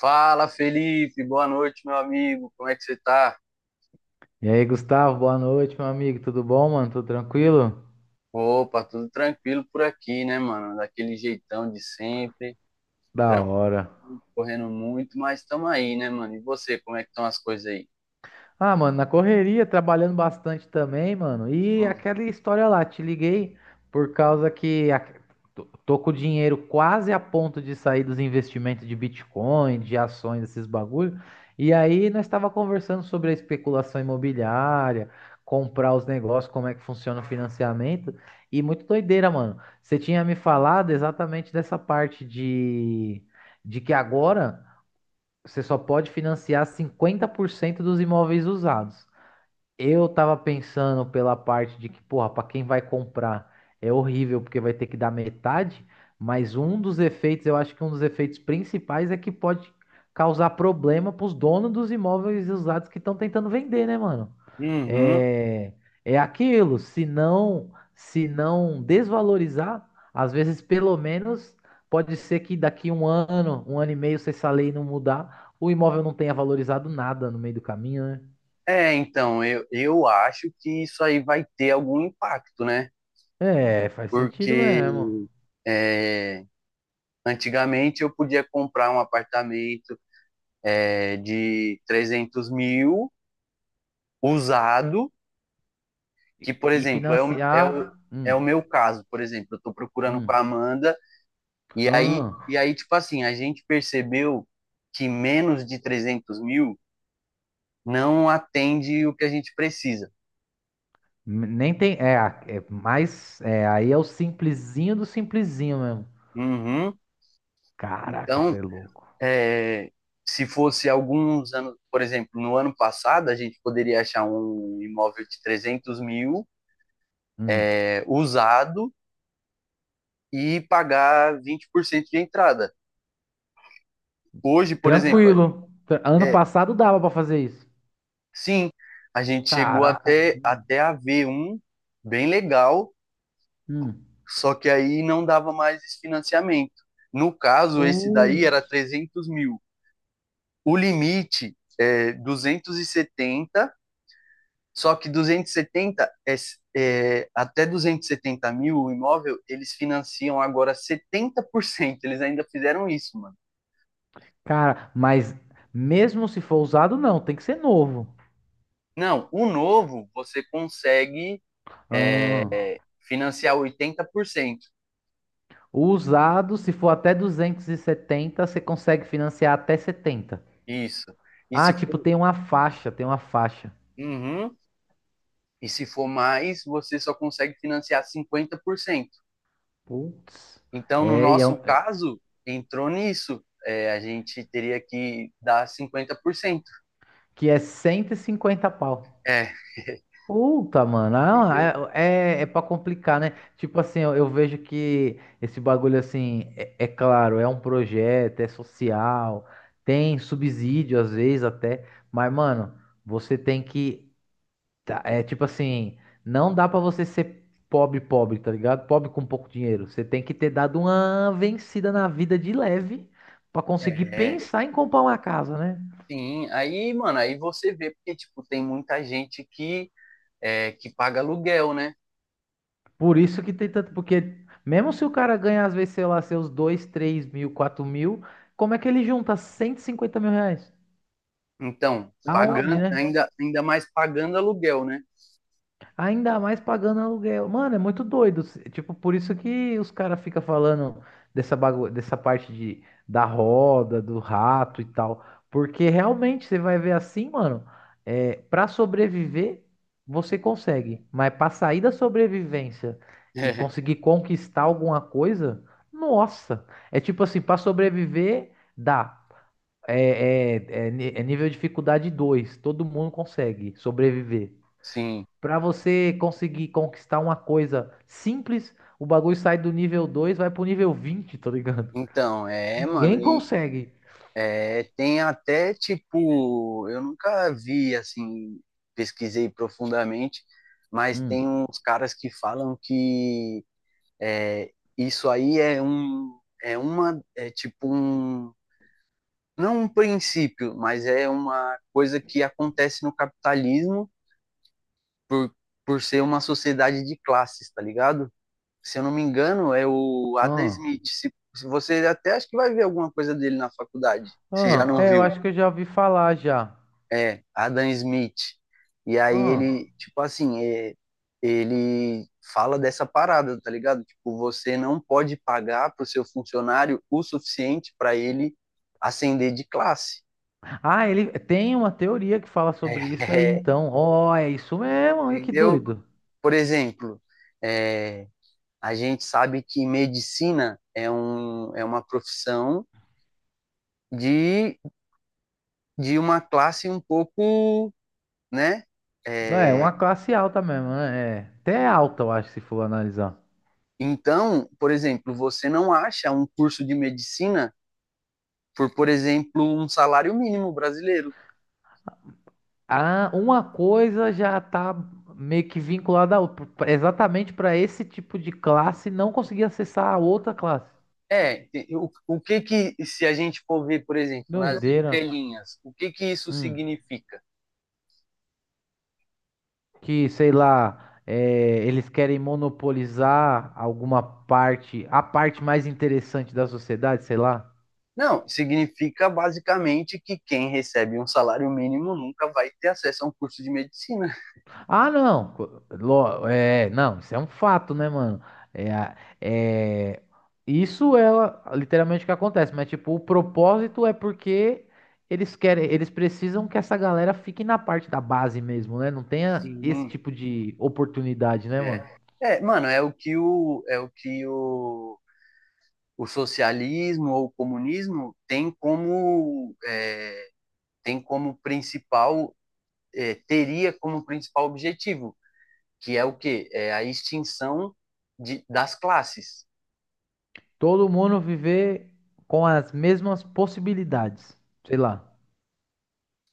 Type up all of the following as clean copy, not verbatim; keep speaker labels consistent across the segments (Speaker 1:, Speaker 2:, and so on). Speaker 1: Fala, Felipe, boa noite, meu amigo. Como é que você tá?
Speaker 2: E aí, Gustavo, boa noite, meu amigo. Tudo bom, mano? Tudo tranquilo?
Speaker 1: Opa, tudo tranquilo por aqui, né, mano? Daquele jeitão de sempre,
Speaker 2: Da hora.
Speaker 1: tranquilo, correndo muito, mas estamos aí, né, mano? E você, como é que estão as coisas aí?
Speaker 2: Ah, mano, na correria, trabalhando bastante também, mano. E
Speaker 1: Uhum.
Speaker 2: aquela história lá, te liguei por causa que tô com o dinheiro quase a ponto de sair dos investimentos de Bitcoin, de ações, esses bagulho. E aí nós estava conversando sobre a especulação imobiliária, comprar os negócios, como é que funciona o financiamento. E muito doideira, mano. Você tinha me falado exatamente dessa parte de que agora você só pode financiar 50% dos imóveis usados. Eu tava pensando pela parte de que, porra, pra quem vai comprar é horrível porque vai ter que dar metade, mas um dos efeitos, eu acho que um dos efeitos principais é que pode causar problema pros donos dos imóveis usados que estão tentando vender, né, mano?
Speaker 1: Uhum.
Speaker 2: É, é aquilo, se não desvalorizar, às vezes pelo menos pode ser que daqui um ano e meio, se essa lei não mudar, o imóvel não tenha valorizado nada no meio do caminho, né?
Speaker 1: Então, eu acho que isso aí vai ter algum impacto, né?
Speaker 2: É, faz sentido
Speaker 1: Porque
Speaker 2: mesmo.
Speaker 1: é, antigamente eu podia comprar um apartamento, de 300 mil usado.
Speaker 2: E,
Speaker 1: Que, por
Speaker 2: e
Speaker 1: exemplo, é o, é
Speaker 2: financiar.
Speaker 1: o, é o meu caso. Por exemplo, eu tô procurando com a
Speaker 2: Hum,
Speaker 1: Amanda, e aí,
Speaker 2: hum.
Speaker 1: e aí, tipo assim, a gente percebeu que menos de 300 mil não atende o que a gente precisa.
Speaker 2: Nem tem. É, é mais. É, aí é o simplesinho do simplesinho mesmo.
Speaker 1: Uhum.
Speaker 2: Caraca,
Speaker 1: Então,
Speaker 2: você é louco.
Speaker 1: é, se fosse alguns anos, por exemplo, no ano passado, a gente poderia achar um imóvel de 300 mil
Speaker 2: Hum.
Speaker 1: , usado, e pagar 20% de entrada. Hoje, por exemplo,
Speaker 2: Tranquilo. Ano
Speaker 1: é,
Speaker 2: passado dava pra fazer isso.
Speaker 1: sim, a gente chegou
Speaker 2: Caraca.
Speaker 1: até,
Speaker 2: Hum.
Speaker 1: até a ver um bem legal,
Speaker 2: Hum.
Speaker 1: só que aí não dava mais esse financiamento. No caso, esse daí
Speaker 2: Putz.
Speaker 1: era 300 mil. O limite é 270, só que 270, até 270 mil o imóvel, eles financiam agora 70%. Eles ainda fizeram isso, mano.
Speaker 2: Cara, mas mesmo se for usado, não, tem que ser novo.
Speaker 1: Não, o novo você consegue
Speaker 2: Ah.
Speaker 1: financiar 80%.
Speaker 2: O usado, se for até 270, você consegue financiar até 70.
Speaker 1: Isso. E
Speaker 2: Ah,
Speaker 1: se
Speaker 2: tipo,
Speaker 1: for,
Speaker 2: tem uma faixa, tem uma faixa.
Speaker 1: uhum, e se for mais, você só consegue financiar 50%.
Speaker 2: Putz.
Speaker 1: Então, no
Speaker 2: É, e é
Speaker 1: nosso caso, entrou nisso. A gente teria que dar 50%.
Speaker 2: que é 150 pau.
Speaker 1: É,
Speaker 2: Puta, mano.
Speaker 1: entendeu?
Speaker 2: Ah, é pra complicar, né? Tipo assim, eu vejo que esse bagulho, assim, é claro, é um projeto, é social, tem subsídio às vezes até. Mas, mano, você tem que. Tá, é tipo assim, não dá pra você ser pobre, pobre, tá ligado? Pobre com pouco dinheiro. Você tem que ter dado uma vencida na vida de leve pra conseguir
Speaker 1: É,
Speaker 2: pensar em comprar uma casa, né?
Speaker 1: sim. Aí, mano, aí você vê, porque, tipo, tem muita gente que paga aluguel, né?
Speaker 2: Por isso que tem tanto, porque mesmo se o cara ganha, às vezes, sei lá, seus 2, 3 mil, 4 mil, como é que ele junta 150 mil reais?
Speaker 1: Então,
Speaker 2: Aonde,
Speaker 1: pagando,
Speaker 2: né?
Speaker 1: ainda mais pagando aluguel, né?
Speaker 2: Ainda mais pagando aluguel. Mano, é muito doido. Tipo, por isso que os caras ficam falando dessa parte da roda, do rato e tal. Porque realmente você vai ver assim, mano, para sobreviver, você consegue. Mas pra sair da sobrevivência e
Speaker 1: É,
Speaker 2: conseguir conquistar alguma coisa, nossa. É tipo assim, pra sobreviver, dá. É nível de dificuldade dois. Todo mundo consegue sobreviver.
Speaker 1: sim.
Speaker 2: Pra você conseguir conquistar uma coisa simples, o bagulho sai do nível 2, vai pro nível 20, tá ligado?
Speaker 1: Então,
Speaker 2: Ninguém consegue.
Speaker 1: Tem até, tipo, eu nunca vi, assim, pesquisei profundamente, mas
Speaker 2: Hum.
Speaker 1: tem uns caras que falam que é, isso aí é tipo um, não um princípio, mas é uma coisa que acontece no capitalismo por, por ser uma sociedade de classes, tá ligado? Se eu não me engano, é o Adam
Speaker 2: Ah.
Speaker 1: Smith. Se você, até acho que vai ver alguma coisa dele na faculdade, se já
Speaker 2: Ah.
Speaker 1: não
Speaker 2: É, eu
Speaker 1: viu.
Speaker 2: acho que eu já ouvi falar já.
Speaker 1: Adam Smith. E aí
Speaker 2: Ah.
Speaker 1: ele, tipo assim, ele fala dessa parada, tá ligado? Tipo, você não pode pagar pro seu funcionário o suficiente para ele ascender de classe.
Speaker 2: Ah, ele tem uma teoria que fala sobre
Speaker 1: É,
Speaker 2: isso aí,
Speaker 1: é,
Speaker 2: então. Ó, é isso mesmo, olha que
Speaker 1: entendeu?
Speaker 2: doido.
Speaker 1: Por exemplo, é, a gente sabe que medicina é uma profissão de, de uma classe um pouco, né?
Speaker 2: Não é,
Speaker 1: É,
Speaker 2: uma classe alta mesmo, né? É, até é alta, eu acho, se for analisar.
Speaker 1: então, por exemplo, você não acha um curso de medicina por exemplo, um salário mínimo brasileiro.
Speaker 2: Ah, uma coisa já tá meio que vinculada a outra, exatamente para esse tipo de classe não conseguir acessar a outra classe.
Speaker 1: É, o que que, se a gente for ver, por exemplo, nas
Speaker 2: Doideira.
Speaker 1: entrelinhas, o que que isso
Speaker 2: Hum.
Speaker 1: significa?
Speaker 2: Que, sei lá, é, eles querem monopolizar alguma parte, a parte mais interessante da sociedade, sei lá.
Speaker 1: Não, significa basicamente que quem recebe um salário mínimo nunca vai ter acesso a um curso de medicina.
Speaker 2: Ah, não. É, não, isso é um fato, né, mano? É, é, isso é literalmente o que acontece, mas tipo, o propósito é porque eles querem, eles precisam que essa galera fique na parte da base mesmo, né? Não tenha
Speaker 1: Sim,
Speaker 2: esse tipo de oportunidade, né,
Speaker 1: é.
Speaker 2: mano?
Speaker 1: É, mano, o socialismo ou o comunismo tem como, tem como principal, teria como principal objetivo, que é o quê? É a extinção das classes.
Speaker 2: Todo mundo viver com as mesmas possibilidades, sei lá.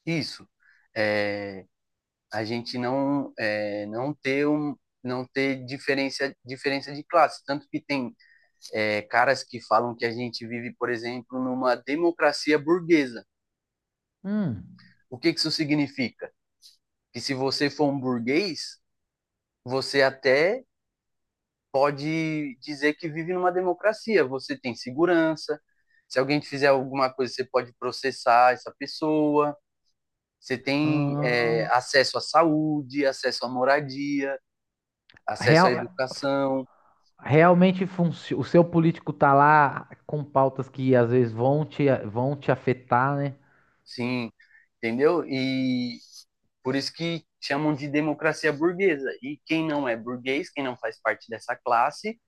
Speaker 1: Isso. É, a gente não, não ter um, não ter diferença de classe. Tanto que tem caras que falam que a gente vive, por exemplo, numa democracia burguesa.
Speaker 2: Hum.
Speaker 1: O que que isso significa? Que se você for um burguês, você até pode dizer que vive numa democracia. Você tem segurança. Se alguém te fizer alguma coisa, você pode processar essa pessoa. Você tem
Speaker 2: Ah,
Speaker 1: acesso à saúde, acesso à moradia, acesso à
Speaker 2: real,
Speaker 1: educação,
Speaker 2: realmente o seu político tá lá com pautas que às vezes vão te afetar, né?
Speaker 1: sim, entendeu? E por isso que chamam de democracia burguesa. E quem não é burguês, quem não faz parte dessa classe,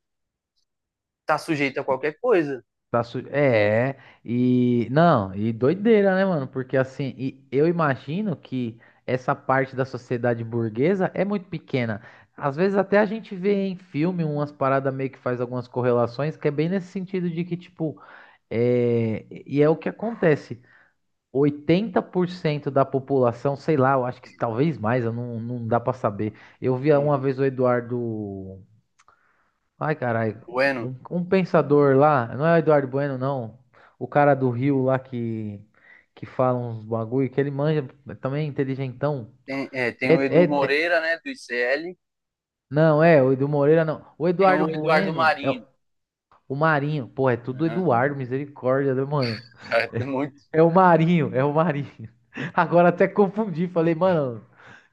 Speaker 1: está sujeito a qualquer coisa.
Speaker 2: É, e não, e doideira, né, mano? Porque assim, e eu imagino que essa parte da sociedade burguesa é muito pequena. Às vezes até a gente vê em filme umas paradas meio que faz algumas correlações, que é bem nesse sentido de que, tipo, é o que acontece. 80% da população, sei lá, eu acho que talvez mais, eu não, não dá pra saber. Eu via uma
Speaker 1: Uhum.
Speaker 2: vez o Eduardo. Ai, caralho,
Speaker 1: Bueno,
Speaker 2: um pensador lá, não é o Eduardo Bueno, não. O cara do Rio lá que fala uns bagulho, que ele manja, também é inteligentão.
Speaker 1: tem,
Speaker 2: É,
Speaker 1: o
Speaker 2: é,
Speaker 1: Edu
Speaker 2: é-
Speaker 1: Moreira, né, do ICL,
Speaker 2: não, é, o Edu Moreira não. O
Speaker 1: tem
Speaker 2: Eduardo
Speaker 1: o Eduardo
Speaker 2: Bueno é o,
Speaker 1: Marinho.
Speaker 2: o Marinho. Pô, é tudo
Speaker 1: Né?
Speaker 2: Eduardo, misericórdia, né, mano?
Speaker 1: Muito,
Speaker 2: É o Marinho, é o Marinho. Agora até confundi, falei, mano,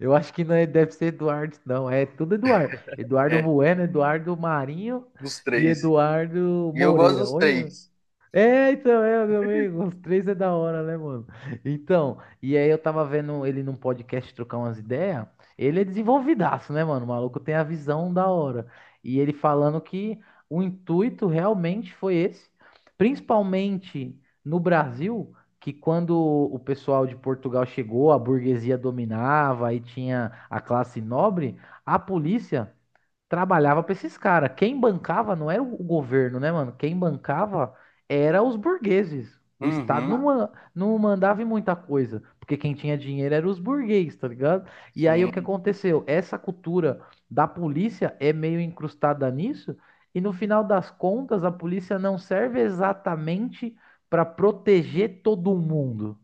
Speaker 2: eu acho que não é- deve ser Eduardo, não. É tudo Eduardo. Eduardo
Speaker 1: é,
Speaker 2: Bueno, Eduardo Marinho
Speaker 1: dos
Speaker 2: e
Speaker 1: três.
Speaker 2: Eduardo
Speaker 1: E eu gosto
Speaker 2: Moreira.
Speaker 1: dos
Speaker 2: Olha,
Speaker 1: três.
Speaker 2: então, meu amigo, os três é da hora, né, mano? Então, e aí eu tava vendo ele num podcast trocar umas ideias. Ele é desenvolvidaço, né, mano? O maluco tem a visão da hora. E ele falando que o intuito realmente foi esse, principalmente no Brasil, que quando o pessoal de Portugal chegou, a burguesia dominava e tinha a classe nobre, a polícia trabalhava para esses caras. Quem bancava não era o governo, né, mano? Quem bancava era os burgueses. O Estado não,
Speaker 1: Uhum.
Speaker 2: não mandava em muita coisa, porque quem tinha dinheiro era os burgueses, tá ligado? E aí o que
Speaker 1: Sim,
Speaker 2: aconteceu? Essa cultura da polícia é meio incrustada nisso, e no final das contas, a polícia não serve exatamente para proteger todo mundo.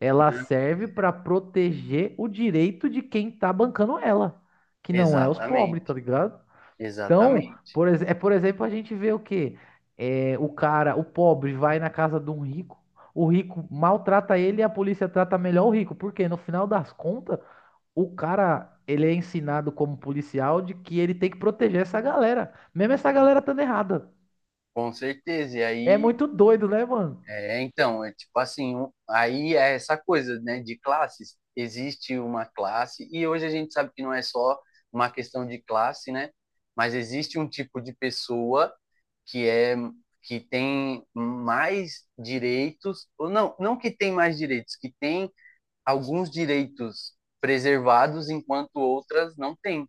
Speaker 2: Ela
Speaker 1: né?
Speaker 2: serve para proteger o direito de quem tá bancando ela, que não é os pobres, tá
Speaker 1: Exatamente,
Speaker 2: ligado? Então,
Speaker 1: exatamente.
Speaker 2: por, ex- é por exemplo, a gente vê o quê? É, o cara, o pobre, vai na casa de um rico, o rico maltrata ele e a polícia trata melhor o rico, porque no final das contas, o cara, ele é ensinado como policial de que ele tem que proteger essa galera, mesmo essa galera estando errada.
Speaker 1: Com certeza. E
Speaker 2: É
Speaker 1: aí,
Speaker 2: muito doido, né, mano?
Speaker 1: então, tipo assim, aí é essa coisa, né, de classes. Existe uma classe, e hoje a gente sabe que não é só uma questão de classe, né? Mas existe um tipo de pessoa que é que tem mais direitos, ou não, não que tem mais direitos, que tem alguns direitos preservados enquanto outras não têm.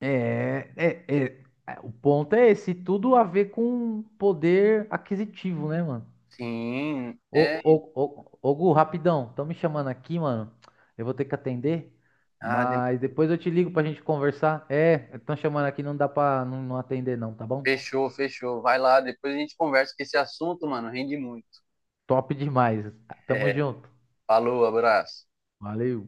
Speaker 2: É, o ponto é esse, tudo a ver com poder aquisitivo, né, mano?
Speaker 1: Sim,
Speaker 2: Ô,
Speaker 1: é
Speaker 2: ô, ô, Gu, rapidão, estão me chamando aqui, mano. Eu vou ter que atender,
Speaker 1: a
Speaker 2: mas depois eu te ligo pra gente conversar. É, estão chamando aqui, não dá pra não atender não, tá bom?
Speaker 1: Fechou, fechou. Vai lá, depois a gente conversa, que esse assunto, mano, rende muito.
Speaker 2: Top demais. Tamo
Speaker 1: É,
Speaker 2: junto.
Speaker 1: falou, abraço.
Speaker 2: Valeu.